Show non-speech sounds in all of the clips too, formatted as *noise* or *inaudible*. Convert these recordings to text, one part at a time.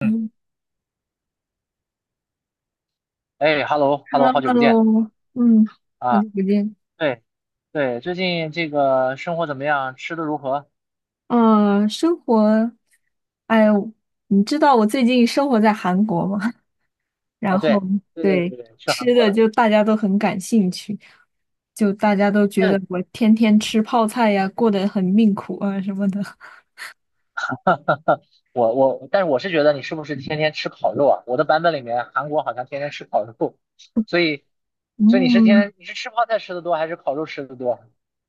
嗯。嗯哎，hello，hello，好久不见，Hello，Hello，嗯，好啊！久不见。对，对，最近这个生活怎么样？吃的如何？啊，生活，哎呦，你知道我最近生活在韩国吗？*laughs* 然啊，后对，对对对对对，去韩吃国的了。就大家都很感兴趣，就大家都觉得嗯，我天天吃泡菜呀，过得很命苦啊什么的。但是我是觉得你是不是天天吃烤肉啊？我的版本里面，韩国好像天天吃烤肉，所以，所以你是天嗯，天你是吃泡菜吃的多，还是烤肉吃的多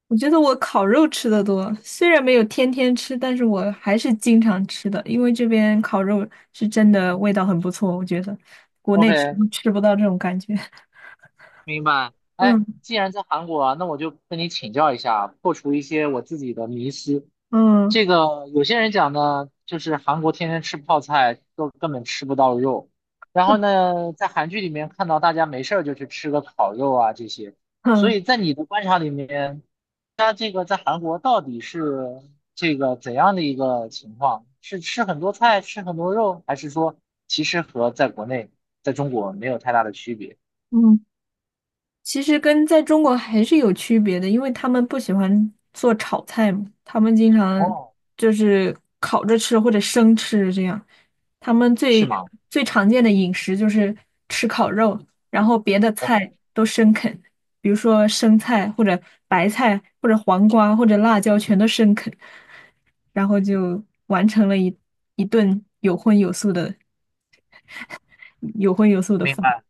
我觉得我烤肉吃的多，虽然没有天天吃，但是我还是经常吃的，因为这边烤肉是真的味道很不错，我觉得国内吃？OK，吃不到这种感觉。明白。哎，嗯既然在韩国啊，那我就跟你请教一下，破除一些我自己的迷思。嗯这个有些人讲呢，就是韩国天天吃泡菜，都根本吃不到肉。然后呢，在韩剧里面看到大家没事儿就去吃个烤肉啊这些。所嗯以在你的观察里面，他这个在韩国到底是这个怎样的一个情况？是吃很多菜，吃很多肉，还是说其实和在国内，在中国没有太大的区别？嗯，其实跟在中国还是有区别的，因为他们不喜欢做炒菜嘛，他们经常哦，就是烤着吃或者生吃这样。他们是最吗最常见的饮食就是吃烤肉，然后别的菜？OK，都生啃，比如说生菜或者白菜或者黄瓜或者辣椒全都生啃，然后就完成了一顿有荤有素的明饭。白。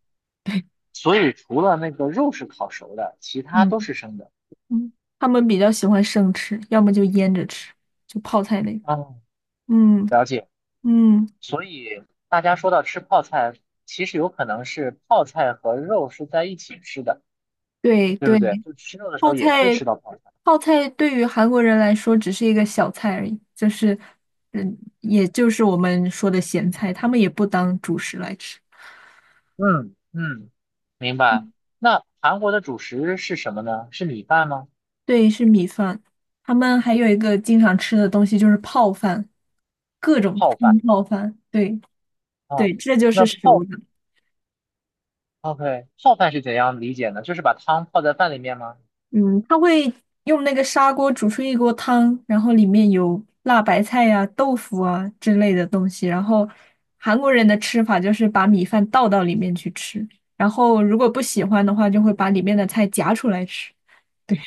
所以除了那个肉是烤熟的，其他嗯。都是生的。嗯，他们比较喜欢生吃，要么就腌着吃，就泡菜类。嗯，嗯了解。嗯，所以大家说到吃泡菜，其实有可能是泡菜和肉是在一起吃的，对对不对，对？就吃肉的时泡候也会菜吃到泡菜。泡菜对于韩国人来说只是一个小菜而已，就是也就是我们说的咸菜，他们也不当主食来吃。嗯嗯，明白。嗯那韩国的主食是什么呢？是米饭吗？对，是米饭。他们还有一个经常吃的东西就是泡饭，泡饭嗯，泡饭。对啊。对，这就是那熟泡的。，OK，泡饭是怎样理解呢？就是把汤泡在饭里面吗？嗯，他会用那个砂锅煮出一锅汤，然后里面有辣白菜呀、豆腐啊之类的东西。然后韩国人的吃法就是把米饭倒到里面去吃，然后如果不喜欢的话，就会把里面的菜夹出来吃。*laughs* 对，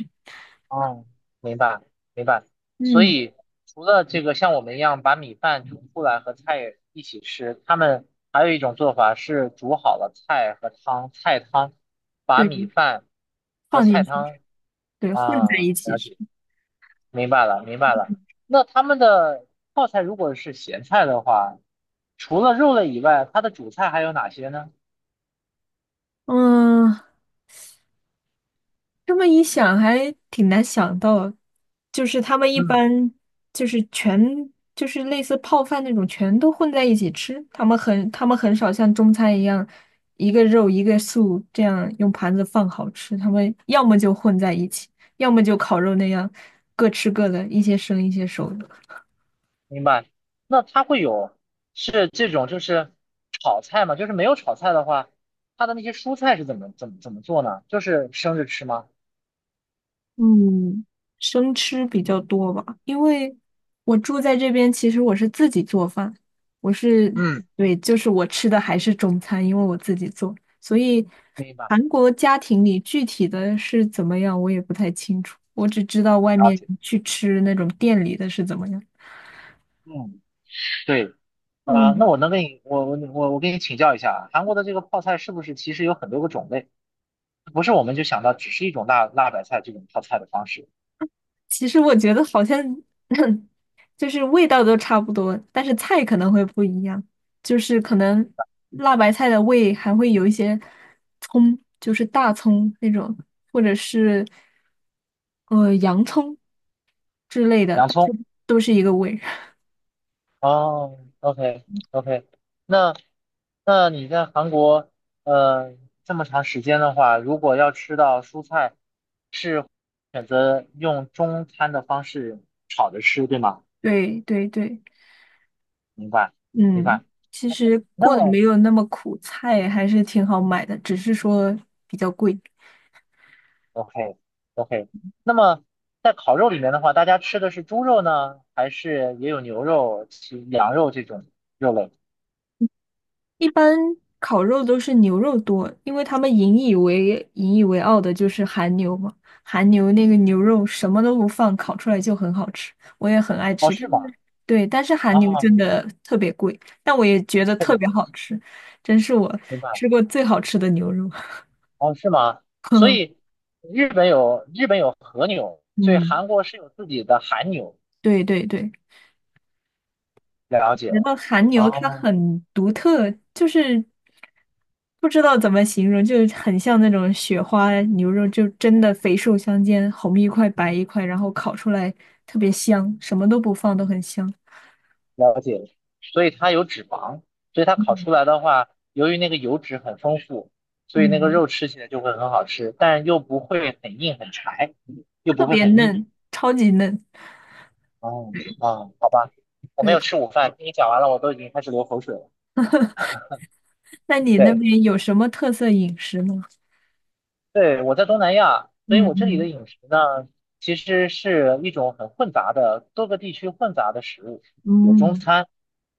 哦，明白明白。所嗯，以除了这个像我们一样把米饭煮出来和菜一起吃，他们还有一种做法是煮好了菜和汤，菜汤把对，米饭和放进菜去吃，汤对，混啊，在一起了吃。解，明白了明白了。那他们的泡菜如果是咸菜的话，除了肉类以外，它的主菜还有哪些呢？嗯，这么一想，还挺难想到，就是他们一嗯般就是全就是类似泡饭那种，全都混在一起吃。他们很少像中餐一样，一个肉一个素这样用盘子放好吃。他们要么就混在一起，要么就烤肉那样各吃各的，一些生一些熟的。明白。那它会有是这种就是炒菜吗？就是没有炒菜的话，它的那些蔬菜是怎么做呢？就是生着吃吗？嗯，生吃比较多吧，因为我住在这边，其实我是自己做饭，我是，嗯，对，就是我吃的还是中餐，因为我自己做，所以明白，韩国家庭里具体的是怎么样，我也不太清楚，我只知道外了面解。去吃那种店里的是怎么样。嗯，对啊，那嗯，我能跟你我跟你请教一下啊，韩国的这个泡菜是不是其实有很多个种类？不是我们就想到只是一种辣辣白菜这种泡菜的方式，其实我觉得好像 *laughs* 就是味道都差不多，但是菜可能会不一样，就是可能辣白菜的味还会有一些葱，就是大葱那种，或者是洋葱之类的，洋但是葱。都是一个味。*laughs* 哦，OK OK，那你在韩国呃这么长时间的话，如果要吃到蔬菜，是选择用中餐的方式炒着吃，对吗？对对对，明白明嗯，白。其实那过得么 没有那么苦，菜还是挺好买的，只是说比较贵。OK OK，那么在烤肉里面的话，大家吃的是猪肉呢，还是也有牛肉、其羊肉这种肉类？一般烤肉都是牛肉多，因为他们引以为傲的就是韩牛嘛。韩牛那个牛肉什么都不放，烤出来就很好吃，我也很爱哦，吃。但是是，吗？对，但是韩牛哦，真的特别贵，但我也觉得特特别别贵，好吃，真是我明白。吃过最好吃的牛肉。哦，是吗？所 *laughs* 以日本有和牛，所以嗯，韩国是有自己的韩牛。对对对，了解觉了，得韩牛它哦，很独特，就是不知道怎么形容，就很像那种雪花牛肉，就真的肥瘦相间，红一块白一块，然后烤出来特别香，什么都不放都很香。了解了。所以它有脂肪，所以它烤出嗯来的话，由于那个油脂很丰富，所以那个嗯，肉吃起来就会很好吃，但又不会很硬很柴，又特不会别很腻。嫩，超级嫩。哦，啊，好吧，我没对，有吃午饭，听你讲完了，我都已经开始流口水了。那你那对。边有什么特色饮食呢？对，我在东南亚，所以嗯我这里的嗯饮食呢，其实是一种很混杂的，多个地区混杂的食物，有中嗯餐。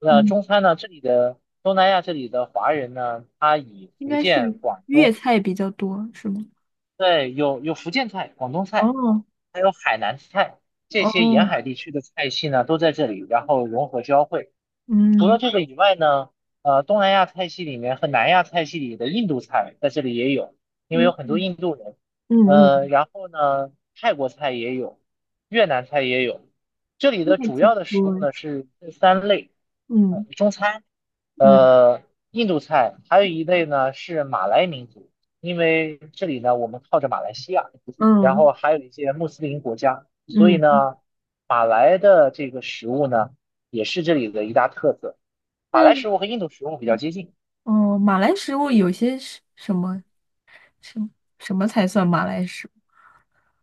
那嗯，中餐呢，这里的华人呢，他以应福该建、是广粤东，菜比较多，是吗？对，有福建菜、广东菜，哦还有海南菜，这些沿哦，海地区的菜系呢都在这里，然后融合交汇。除了嗯这个以外呢，东南亚菜系里面和南亚菜系里的印度菜在这里也有，因为有嗯很多嗯印度人。嗯，嗯，然后呢，泰国菜也有，越南菜也有。这里那的还主要挺的食多物呢是这三类，呃，嗯中餐，嗯呃，印度菜，还有一类呢是马来民族，因为这里呢我们靠着马来西亚。然嗯后还有一些穆斯林国家，所以嗯，呢，马来的这个食物呢，也是这里的一大特色。马那来食物和印度食物比较嗯接近哦，马来食物有些是什么什么才算马来食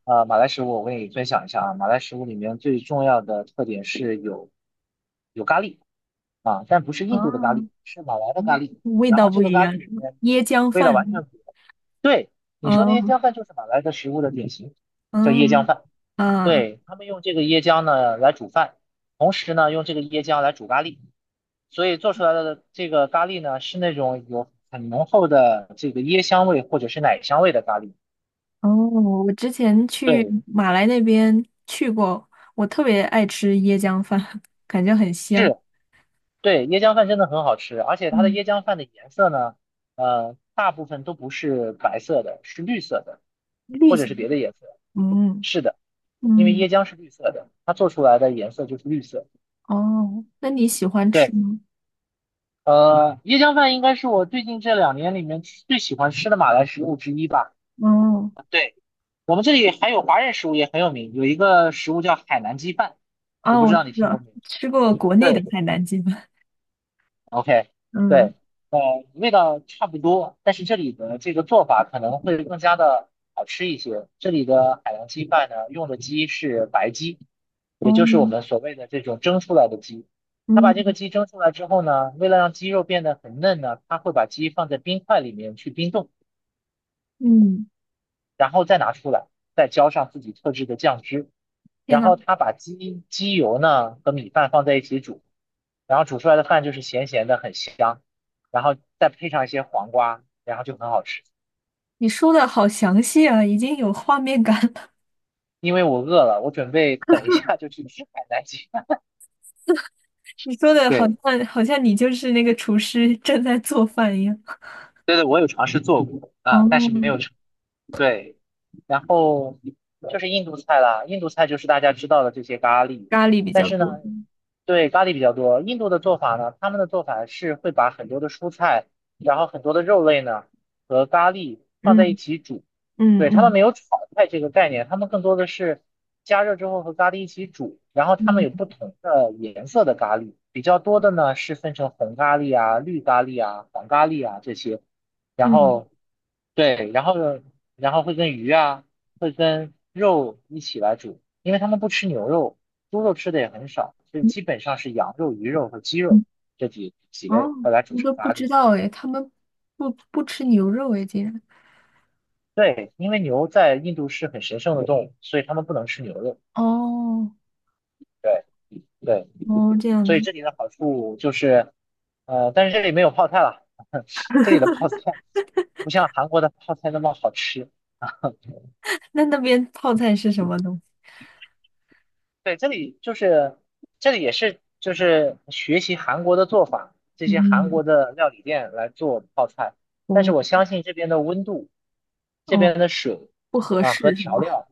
啊、马来食物我跟你分享一下啊，马来食物里面最重要的特点是有咖喱啊，但不是物印度的咖喱，啊？是马来的咖嗯喱。味然道后这不个一咖喱样里是吗？面椰浆味道完饭，全不一样。对，你说那些嗯浆饭就是马来的食物的典型，叫椰浆嗯饭。啊对，他们用这个椰浆呢来煮饭，同时呢用这个椰浆来煮咖喱。所以做出来的这个咖喱呢，是那种有很浓厚的这个椰香味或者是奶香味的咖喱。哦，我之前去对，马来那边去过，我特别爱吃椰浆饭，感觉很香。是，对，椰浆饭真的很好吃，而且它的嗯，椰浆饭的颜色呢，大部分都不是白色的，是绿色的，绿或者色是的，别的颜色。嗯是的，因为嗯椰浆是绿色的，它做出来的颜色就是绿色。哦，那你喜欢吃对，吗？呃，椰浆饭应该是我最近这两年里面最喜欢吃的马来食物之一吧。哦。对。我们这里还有华人食物也很有名，有一个食物叫海南鸡饭，我啊，不我知道知你听过道，没有？吃过国内的对海南鸡饭。，OK，嗯，对，呃，味道差不多，但是这里的这个做法可能会更加的好吃一些。这里的海南鸡饭呢，用的鸡是白鸡，也哦，就是我们所谓的这种蒸出来的鸡。他把这个嗯鸡蒸出来之后呢，为了让鸡肉变得很嫩呢，他会把鸡放在冰块里面去冰冻，嗯，然后再拿出来，再浇上自己特制的酱汁。天然呐，后他把鸡鸡油呢和米饭放在一起煮，然后煮出来的饭就是咸咸的，很香，然后再配上一些黄瓜，然后就很好吃。你说的好详细啊，已经有画面感了 因为我饿了，我准备等一下就去吃海南鸡饭。*laughs* 你说的好对，像好像你就是那个厨师正在做饭一样。对对，我有尝试做过哦，啊，但是没有成对，然后就是印度菜啦，印度菜就是大家知道的这些咖喱，咖喱比但较是呢，多。对，咖喱比较多。印度的做法呢，他们的做法是会把很多的蔬菜，然后很多的肉类呢和咖喱放在一嗯起煮，嗯对，他们嗯没有炒菜这个概念，他们更多的是加热之后和咖喱一起煮，然后他们有不嗯同的颜色的咖喱，比较多的呢是分成红咖喱啊、绿咖喱啊、黄咖喱啊这些。然嗯后对，然后呢，然后会跟鱼啊，会跟肉一起来煮，因为他们不吃牛肉，猪肉吃的也很少，所以基本上是羊肉、鱼肉和鸡肉嗯，这几哦，类会来煮我成都不咖知喱。道诶，他们不吃牛肉诶，竟然。对，因为牛在印度是很神圣的动物，所以他们不能吃牛肉。哦对对，哦，这样所以子。这里的好处就是，呃，但是这里没有泡菜了，*laughs* 这里的泡菜不像韩国的泡菜那么好吃。那那边泡菜是什么东西？对，这里就是这里也是就是学习韩国的做法，这些韩嗯，国的料理店来做泡菜，但是我哦相信这边的温度，这哦。边的水不合啊和适是调吗？料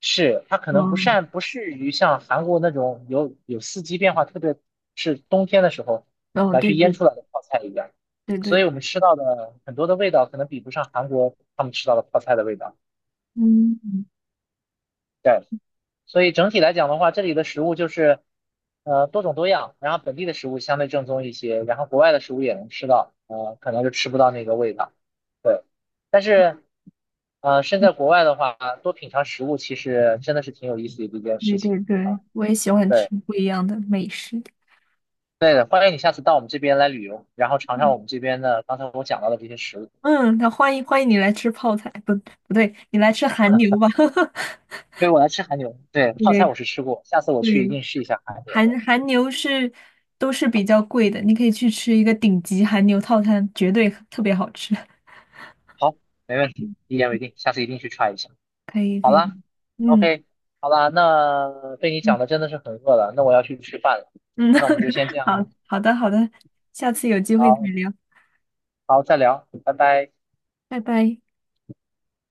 是它可能不嗯，善不适于像韩国那种有四季变化，特别是冬天的时候哦，来去对腌对出来的泡菜一样，对对所以对，我们吃到的很多的味道可能比不上韩国他们吃到的泡菜的味道。嗯，对。所以整体来讲的话，这里的食物就是呃多种多样，然后本地的食物相对正宗一些，然后国外的食物也能吃到，呃，可能就吃不到那个味道。对，但是呃身在国外的话，多品尝食物其实真的是挺有意思的一件对事情对对，啊。我也喜欢吃对，不一样的美食。对的，欢迎你下次到我们这边来旅游，然后尝尝嗯，我们这边的刚才我讲到的这些食物。嗯那欢迎欢迎你来吃泡菜，不不对，你来吃韩牛吧。对，我来吃韩牛，对，*laughs* 泡菜对我是吃过，下次我去一对，定试一下韩牛。韩牛都是比较贵的，你可以去吃一个顶级韩牛套餐，绝对特别好吃。好，没问题，一言为定，下次一定去 try 一下。可以好可以，啦嗯，OK，好啦，那被你嗯讲的真的是很饿了，那我要去吃饭了，嗯，那我们就先这 *laughs* 样好了，好的好的，下次有机会再好，聊，好，再聊，拜拜。拜拜。